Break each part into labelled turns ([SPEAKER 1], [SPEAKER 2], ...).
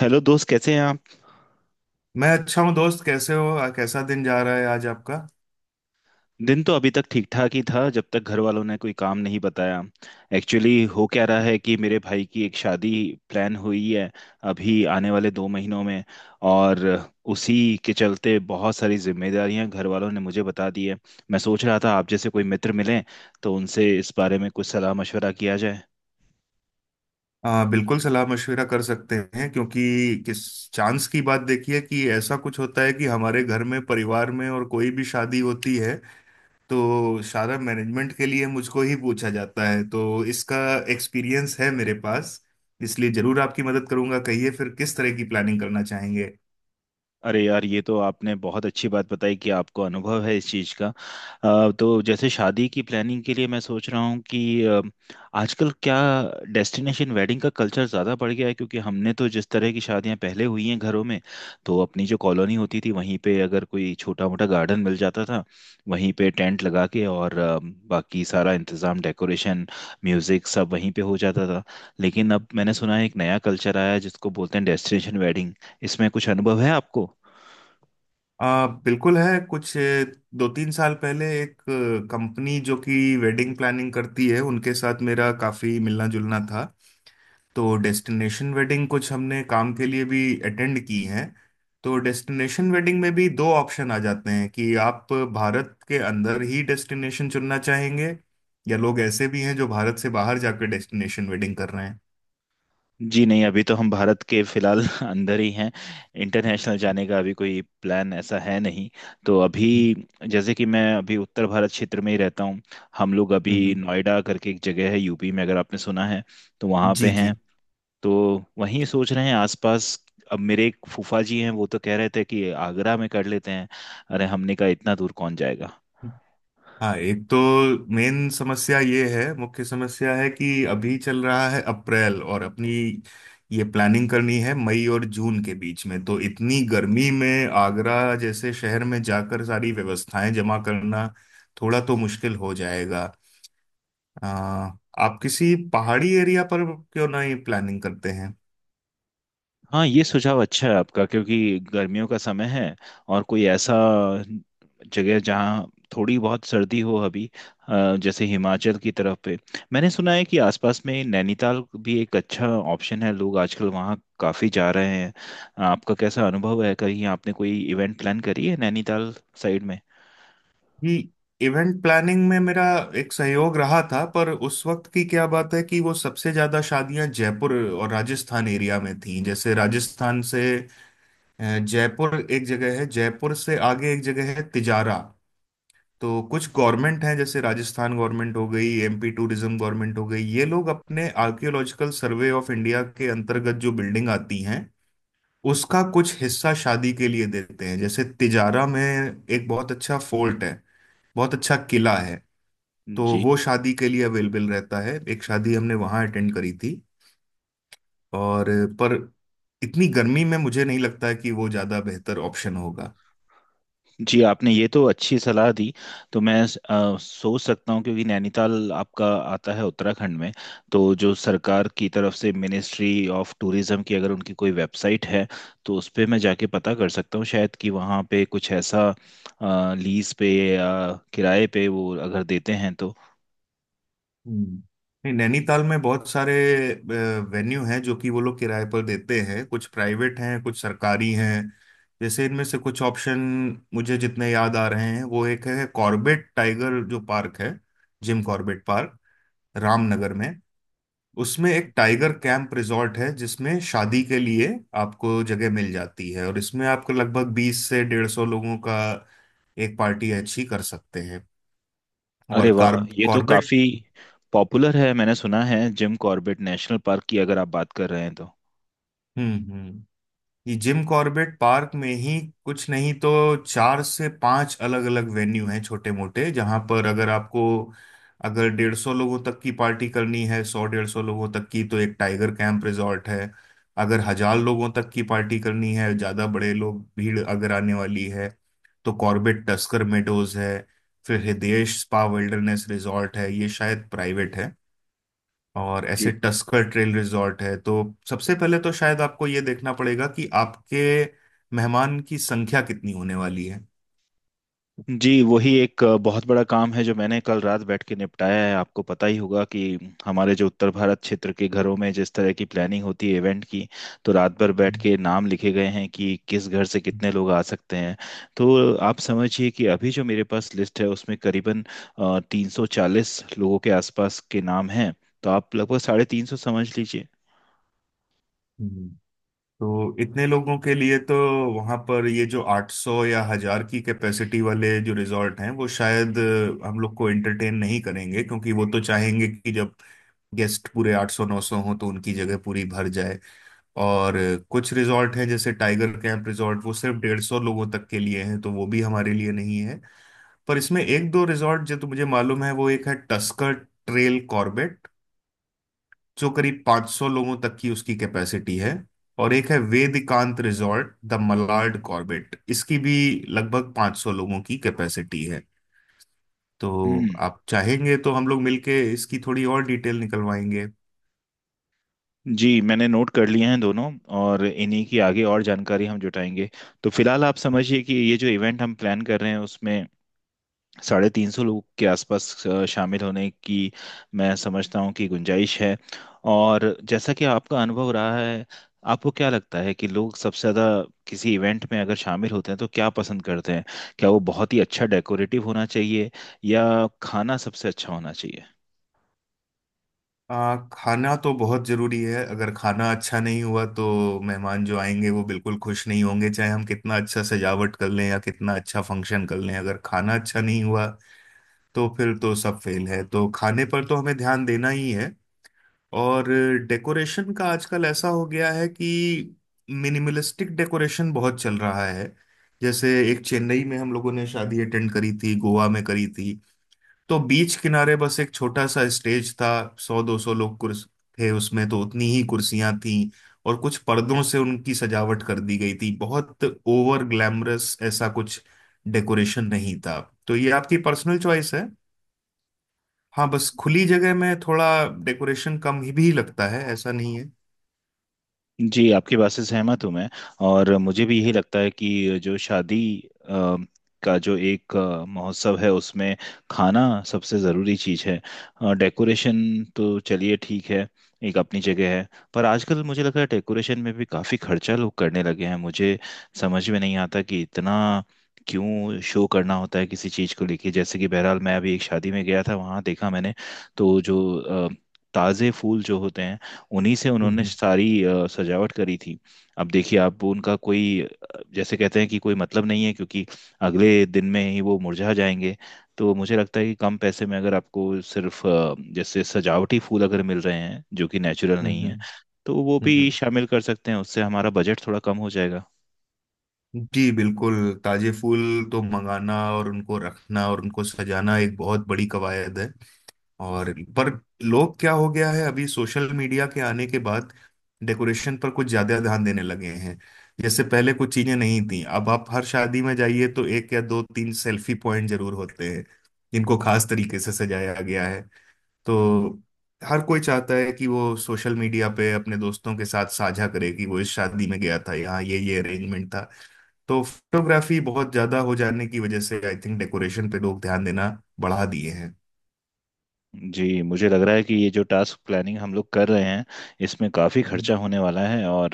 [SPEAKER 1] Hello दोस्त, कैसे हैं आप।
[SPEAKER 2] मैं अच्छा हूँ दोस्त। कैसे हो कैसा दिन जा रहा है आज आपका।
[SPEAKER 1] दिन तो अभी तक ठीक ठाक ही था, जब तक घर वालों ने कोई काम नहीं बताया। एक्चुअली हो क्या रहा है कि मेरे भाई की एक शादी प्लान हुई है अभी आने वाले 2 महीनों में। और उसी के चलते बहुत सारी जिम्मेदारियां घर वालों ने मुझे बता दी है। मैं सोच रहा था आप जैसे कोई मित्र मिलें तो उनसे इस बारे में कुछ सलाह मशवरा किया जाए।
[SPEAKER 2] बिल्कुल सलाह मशविरा कर सकते हैं क्योंकि किस चांस की बात, देखिए कि ऐसा कुछ होता है कि हमारे घर में परिवार में और कोई भी शादी होती है तो सारा मैनेजमेंट के लिए मुझको ही पूछा जाता है। तो इसका एक्सपीरियंस है मेरे पास, इसलिए जरूर आपकी मदद करूंगा। कहिए फिर किस तरह की प्लानिंग करना चाहेंगे।
[SPEAKER 1] अरे यार, ये तो आपने बहुत अच्छी बात बताई कि आपको अनुभव है इस चीज़ का। तो जैसे शादी की प्लानिंग के लिए मैं सोच रहा हूँ कि आजकल क्या डेस्टिनेशन वेडिंग का कल्चर ज़्यादा बढ़ गया है। क्योंकि हमने तो जिस तरह की शादियाँ पहले हुई हैं घरों में, तो अपनी जो कॉलोनी होती थी वहीं पे अगर कोई छोटा मोटा गार्डन मिल जाता था, वहीं पे टेंट लगा के और बाकी सारा इंतज़ाम, डेकोरेशन, म्यूज़िक सब वहीं पे हो जाता था। लेकिन अब मैंने सुना है एक नया कल्चर आया है जिसको बोलते हैं डेस्टिनेशन वेडिंग। इसमें कुछ अनुभव है आपको।
[SPEAKER 2] बिल्कुल है कुछ। दो तीन साल पहले एक कंपनी जो कि वेडिंग प्लानिंग करती है, उनके साथ मेरा काफ़ी मिलना जुलना था। तो डेस्टिनेशन वेडिंग कुछ हमने काम के लिए भी अटेंड की हैं। तो डेस्टिनेशन वेडिंग में भी दो ऑप्शन आ जाते हैं कि आप भारत के अंदर ही डेस्टिनेशन चुनना चाहेंगे या लोग ऐसे भी हैं जो भारत से बाहर जाकर डेस्टिनेशन वेडिंग कर रहे हैं।
[SPEAKER 1] जी नहीं, अभी तो हम भारत के फिलहाल अंदर ही हैं। इंटरनेशनल जाने का अभी कोई प्लान ऐसा है नहीं। तो अभी, जैसे कि मैं अभी उत्तर भारत क्षेत्र में ही रहता हूँ। हम लोग अभी
[SPEAKER 2] हम्म, हम्म।
[SPEAKER 1] नोएडा करके एक जगह है यूपी में, अगर आपने सुना है, तो वहाँ पे
[SPEAKER 2] जी जी।
[SPEAKER 1] हैं। तो वहीं सोच रहे हैं आसपास। अब मेरे एक फूफा जी हैं वो तो कह रहे थे कि आगरा में कर लेते हैं। अरे हमने कहा इतना दूर कौन जाएगा।
[SPEAKER 2] हाँ, एक तो मेन समस्या ये है, मुख्य समस्या है कि अभी चल रहा है अप्रैल और अपनी ये प्लानिंग करनी है मई और जून के बीच में। तो इतनी गर्मी में आगरा जैसे शहर में जाकर सारी व्यवस्थाएं जमा करना थोड़ा तो मुश्किल हो जाएगा। आ, आप किसी पहाड़ी एरिया पर क्यों नहीं प्लानिंग करते हैं।
[SPEAKER 1] हाँ, ये सुझाव अच्छा है आपका, क्योंकि गर्मियों का समय है। और कोई ऐसा जगह जहाँ थोड़ी बहुत सर्दी हो अभी, जैसे हिमाचल की तरफ पे। मैंने सुना है कि आसपास में नैनीताल भी एक अच्छा ऑप्शन है, लोग आजकल वहाँ काफ़ी जा रहे हैं। आपका कैसा अनुभव है, कहीं आपने कोई इवेंट प्लान करी है नैनीताल साइड में।
[SPEAKER 2] कि इवेंट प्लानिंग में मेरा एक सहयोग रहा था, पर उस वक्त की क्या बात है कि वो सबसे ज्यादा शादियां जयपुर और राजस्थान एरिया में थीं। जैसे राजस्थान से अ, जयपुर एक जगह है, जयपुर से आगे एक जगह है तिजारा। तो कुछ गवर्नमेंट हैं, जैसे राजस्थान गवर्नमेंट हो गई, एमपी टूरिज्म गवर्नमेंट हो गई, ये लोग अपने आर्कियोलॉजिकल सर्वे ऑफ इंडिया के अंतर्गत जो बिल्डिंग आती हैं उसका कुछ हिस्सा शादी के लिए देते हैं। जैसे तिजारा में एक बहुत अच्छा फोर्ट है, बहुत अच्छा किला है। तो
[SPEAKER 1] जी
[SPEAKER 2] वो शादी के लिए अवेलेबल रहता है, एक शादी हमने वहाँ अटेंड करी थी और पर इतनी गर्मी में मुझे नहीं लगता है कि वो ज़्यादा बेहतर ऑप्शन होगा।
[SPEAKER 1] जी, आपने ये तो अच्छी सलाह दी। तो मैं सोच सकता हूँ, क्योंकि नैनीताल आपका आता है उत्तराखंड में। तो जो सरकार की तरफ से मिनिस्ट्री ऑफ टूरिज्म की अगर उनकी कोई वेबसाइट है तो उस पे मैं जाके पता कर सकता हूँ शायद कि वहाँ पे कुछ ऐसा लीज पे या किराए पे वो अगर देते हैं तो।
[SPEAKER 2] हम्म। नहीं, नैनीताल में बहुत सारे वेन्यू हैं जो कि वो लोग किराए पर देते हैं, कुछ प्राइवेट हैं कुछ सरकारी हैं। जैसे इनमें से कुछ ऑप्शन मुझे जितने याद आ रहे हैं, वो एक है कॉर्बेट टाइगर जो पार्क है, जिम कॉर्बेट पार्क, रामनगर में। उसमें एक टाइगर कैंप रिजॉर्ट है जिसमें शादी के लिए आपको जगह मिल जाती है और इसमें आपको लगभग 20 से 150 लोगों का एक पार्टी अच्छी कर सकते हैं।
[SPEAKER 1] अरे
[SPEAKER 2] और
[SPEAKER 1] वाह,
[SPEAKER 2] कार
[SPEAKER 1] ये तो
[SPEAKER 2] कॉर्बेट।
[SPEAKER 1] काफ़ी पॉपुलर है, मैंने सुना है। जिम कॉर्बेट नेशनल पार्क की अगर आप बात कर रहे हैं तो।
[SPEAKER 2] हम्म, हम्म। ये जिम कॉर्बेट पार्क में ही कुछ नहीं तो चार से पांच अलग अलग वेन्यू हैं छोटे मोटे, जहां पर अगर आपको अगर 150 लोगों तक की पार्टी करनी है, 100 150 लोगों तक की, तो एक टाइगर कैंप रिजॉर्ट है। अगर 1000 लोगों तक की पार्टी करनी है, ज्यादा बड़े लोग भीड़ अगर आने वाली है, तो कॉर्बेट टस्कर मेडोज है। फिर हृदयेश स्पा विल्डरनेस रिजॉर्ट है, ये शायद प्राइवेट है। और ऐसे
[SPEAKER 1] जी
[SPEAKER 2] टस्कर ट्रेल रिजॉर्ट है। तो सबसे पहले तो शायद आपको ये देखना पड़ेगा कि आपके मेहमान की संख्या कितनी होने वाली है।
[SPEAKER 1] जी, वही एक बहुत बड़ा काम है जो मैंने कल रात बैठ के निपटाया है। आपको पता ही होगा कि हमारे जो उत्तर भारत क्षेत्र के घरों में जिस तरह की प्लानिंग होती है इवेंट की, तो रात भर बैठ
[SPEAKER 2] हम्म।
[SPEAKER 1] के नाम लिखे गए हैं कि किस घर से कितने लोग आ सकते हैं। तो आप समझिए कि अभी जो मेरे पास लिस्ट है उसमें करीबन 340 लोगों के आसपास के नाम हैं। तो आप लगभग 350 समझ लीजिए।
[SPEAKER 2] हम्म। तो इतने लोगों के लिए तो वहां पर ये जो 800 या हजार की कैपेसिटी वाले जो रिजॉर्ट हैं वो शायद हम लोग को एंटरटेन नहीं करेंगे क्योंकि वो तो चाहेंगे कि जब गेस्ट पूरे 800 900 हो तो उनकी जगह पूरी भर जाए। और कुछ रिजॉर्ट हैं जैसे टाइगर कैंप रिजॉर्ट, वो सिर्फ 150 लोगों तक के लिए हैं, तो वो भी हमारे लिए नहीं है। पर इसमें एक दो रिजॉर्ट जो तो मुझे मालूम है, वो एक है टस्कर ट्रेल कॉर्बेट जो करीब 500 लोगों तक की उसकी कैपेसिटी है। और एक है Vedikant resort the Malad Corbett, इसकी भी लगभग 500 लोगों की कैपेसिटी है। तो
[SPEAKER 1] हम्म।
[SPEAKER 2] आप चाहेंगे तो हम लोग मिलके इसकी थोड़ी और डिटेल निकलवाएंगे।
[SPEAKER 1] जी, मैंने नोट कर लिए हैं दोनों, और इन्हीं की आगे और जानकारी हम जुटाएंगे। तो फिलहाल आप समझिए कि ये जो इवेंट हम प्लान कर रहे हैं उसमें 350 लोग के आसपास शामिल होने की मैं समझता हूँ कि गुंजाइश है। और जैसा कि आपका अनुभव रहा है, आपको क्या लगता है कि लोग सबसे ज़्यादा किसी इवेंट में अगर शामिल होते हैं तो क्या पसंद करते हैं। क्या वो बहुत ही अच्छा डेकोरेटिव होना चाहिए, या खाना सबसे अच्छा होना चाहिए।
[SPEAKER 2] खाना तो बहुत जरूरी है। अगर खाना अच्छा नहीं हुआ तो मेहमान जो आएंगे वो बिल्कुल खुश नहीं होंगे, चाहे हम कितना अच्छा सजावट कर लें या कितना अच्छा फंक्शन कर लें, अगर खाना अच्छा नहीं हुआ तो फिर तो सब फेल है। तो खाने पर तो हमें ध्यान देना ही है। और डेकोरेशन का आजकल ऐसा हो गया है कि मिनिमलिस्टिक डेकोरेशन बहुत चल रहा है। जैसे एक चेन्नई में हम लोगों ने शादी अटेंड करी थी, गोवा में करी थी। तो बीच किनारे बस एक छोटा सा स्टेज था, 100 200 लोग कुर्स थे उसमें, तो उतनी ही कुर्सियां थीं और कुछ पर्दों से उनकी सजावट कर दी गई थी। बहुत ओवर ग्लैमरस ऐसा कुछ डेकोरेशन नहीं था। तो ये आपकी पर्सनल चॉइस है। हाँ, बस खुली जगह में थोड़ा डेकोरेशन कम ही भी लगता है, ऐसा नहीं है।
[SPEAKER 1] जी, आपकी बात से सहमत हूँ मैं। और मुझे भी यही लगता है कि जो शादी अ, का जो एक महोत्सव है उसमें खाना सबसे ज़रूरी चीज़ है। डेकोरेशन तो चलिए ठीक है, एक अपनी जगह है। पर आजकल मुझे लग रहा है डेकोरेशन में भी काफ़ी खर्चा लोग करने लगे हैं। मुझे समझ में नहीं आता कि इतना क्यों शो करना होता है किसी चीज़ को लेके। जैसे कि बहरहाल मैं अभी एक शादी में गया था, वहाँ देखा मैंने, तो जो ताज़े फूल जो होते हैं उन्हीं से उन्होंने
[SPEAKER 2] हम्म,
[SPEAKER 1] सारी सजावट करी थी। अब देखिए आप, उनका कोई जैसे कहते हैं कि कोई मतलब नहीं है, क्योंकि अगले दिन में ही वो मुरझा जाएंगे। तो मुझे लगता है कि कम पैसे में अगर आपको सिर्फ जैसे सजावटी फूल अगर मिल रहे हैं जो कि नेचुरल
[SPEAKER 2] हम्म,
[SPEAKER 1] नहीं है,
[SPEAKER 2] हम्म,
[SPEAKER 1] तो वो
[SPEAKER 2] हम्म,
[SPEAKER 1] भी शामिल कर सकते हैं, उससे हमारा बजट थोड़ा कम हो जाएगा।
[SPEAKER 2] जी बिल्कुल। ताजे फूल तो मंगाना और उनको रखना और उनको सजाना एक बहुत बड़ी कवायद है। और पर लोग क्या हो गया है, अभी सोशल मीडिया के आने के बाद डेकोरेशन पर कुछ ज्यादा ध्यान देने लगे हैं। जैसे पहले कुछ चीजें नहीं थी, अब आप हर शादी में जाइए तो एक या दो तीन सेल्फी पॉइंट जरूर होते हैं जिनको खास तरीके से सजाया गया है। तो हर कोई चाहता है कि वो सोशल मीडिया पे अपने दोस्तों के साथ साझा करे कि वो इस शादी में गया था, यहाँ ये अरेंजमेंट था। तो फोटोग्राफी बहुत ज्यादा हो जाने की वजह से आई थिंक डेकोरेशन पे लोग ध्यान देना बढ़ा दिए हैं।
[SPEAKER 1] जी, मुझे लग रहा है कि ये जो टास्क प्लानिंग हम लोग कर रहे हैं इसमें काफ़ी खर्चा होने वाला है। और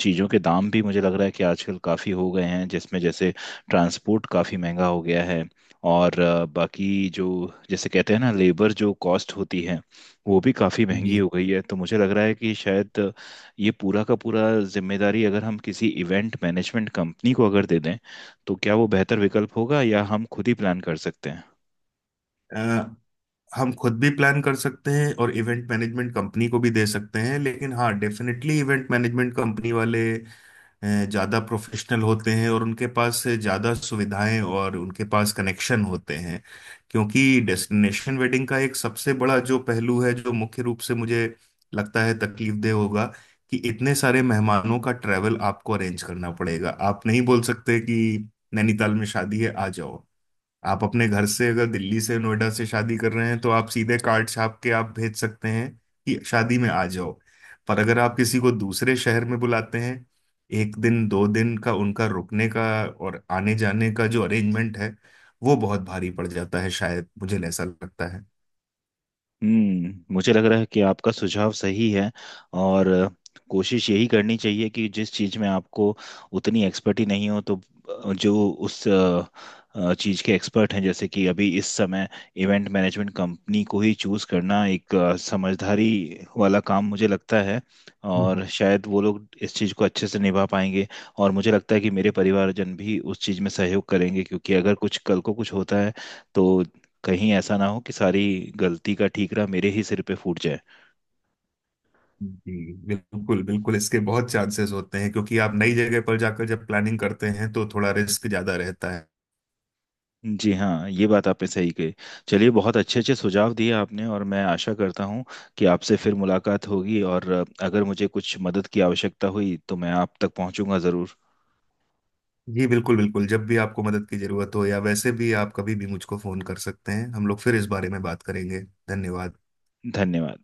[SPEAKER 1] चीज़ों के दाम भी मुझे लग रहा है कि आजकल काफ़ी हो गए हैं, जिसमें जैसे ट्रांसपोर्ट काफ़ी महंगा हो गया है। और बाकी जो जैसे कहते हैं ना लेबर जो कॉस्ट होती है, वो भी काफ़ी महंगी
[SPEAKER 2] जी।
[SPEAKER 1] हो गई है। तो मुझे लग रहा है कि शायद ये पूरा का पूरा जिम्मेदारी अगर हम किसी इवेंट मैनेजमेंट कंपनी को अगर दे दें, तो क्या वो बेहतर विकल्प होगा, या हम खुद ही प्लान कर सकते हैं।
[SPEAKER 2] हम खुद भी प्लान कर सकते हैं और इवेंट मैनेजमेंट कंपनी को भी दे सकते हैं, लेकिन हाँ डेफिनेटली इवेंट मैनेजमेंट कंपनी वाले ज़्यादा प्रोफेशनल होते हैं और उनके पास ज़्यादा सुविधाएं और उनके पास कनेक्शन होते हैं। क्योंकि डेस्टिनेशन वेडिंग का एक सबसे बड़ा जो पहलू है जो मुख्य रूप से मुझे लगता है तकलीफदेह होगा कि इतने सारे मेहमानों का ट्रैवल आपको अरेंज करना पड़ेगा। आप नहीं बोल सकते कि नैनीताल में शादी है आ जाओ। आप अपने घर से अगर दिल्ली से नोएडा से छादी कर रहे हैं तो आप सीधे कार्ड छाप के आप भेज सकते हैं कि शादी में आ जाओ। पर अगर आप किसी को दूसरे शहर में बुलाते हैं, एक दिन दो दिन का उनका रुकने का और आने जाने का जो अरेंजमेंट है, वो बहुत भारी पड़ जाता है, शायद मुझे ऐसा लगता है।
[SPEAKER 1] हम्म, मुझे लग रहा है कि आपका सुझाव सही है। और कोशिश यही करनी चाहिए कि जिस चीज़ में आपको उतनी एक्सपर्टी नहीं हो, तो जो उस चीज़ के एक्सपर्ट हैं, जैसे कि अभी इस समय इवेंट मैनेजमेंट कंपनी को ही चूज़ करना एक समझदारी वाला काम मुझे लगता है।
[SPEAKER 2] हम्म।
[SPEAKER 1] और शायद वो लोग इस चीज़ को अच्छे से निभा पाएंगे। और मुझे लगता है कि मेरे परिवारजन भी उस चीज़ में सहयोग करेंगे, क्योंकि अगर कुछ कल को कुछ होता है, तो कहीं ऐसा ना हो कि सारी गलती का ठीकरा मेरे ही सिर पे फूट जाए।
[SPEAKER 2] जी बिल्कुल बिल्कुल, इसके बहुत चांसेस होते हैं क्योंकि आप नई जगह पर जाकर जब प्लानिंग करते हैं तो थोड़ा रिस्क ज्यादा रहता।
[SPEAKER 1] जी हाँ, ये बात आपने सही कही। चलिए, बहुत अच्छे अच्छे सुझाव दिए आपने, और मैं आशा करता हूँ कि आपसे फिर मुलाकात होगी। और अगर मुझे कुछ मदद की आवश्यकता हुई तो मैं आप तक पहुँचूंगा ज़रूर।
[SPEAKER 2] जी बिल्कुल बिल्कुल, जब भी आपको मदद की जरूरत हो या वैसे भी आप कभी भी मुझको फोन कर सकते हैं, हम लोग फिर इस बारे में बात करेंगे। धन्यवाद।
[SPEAKER 1] धन्यवाद।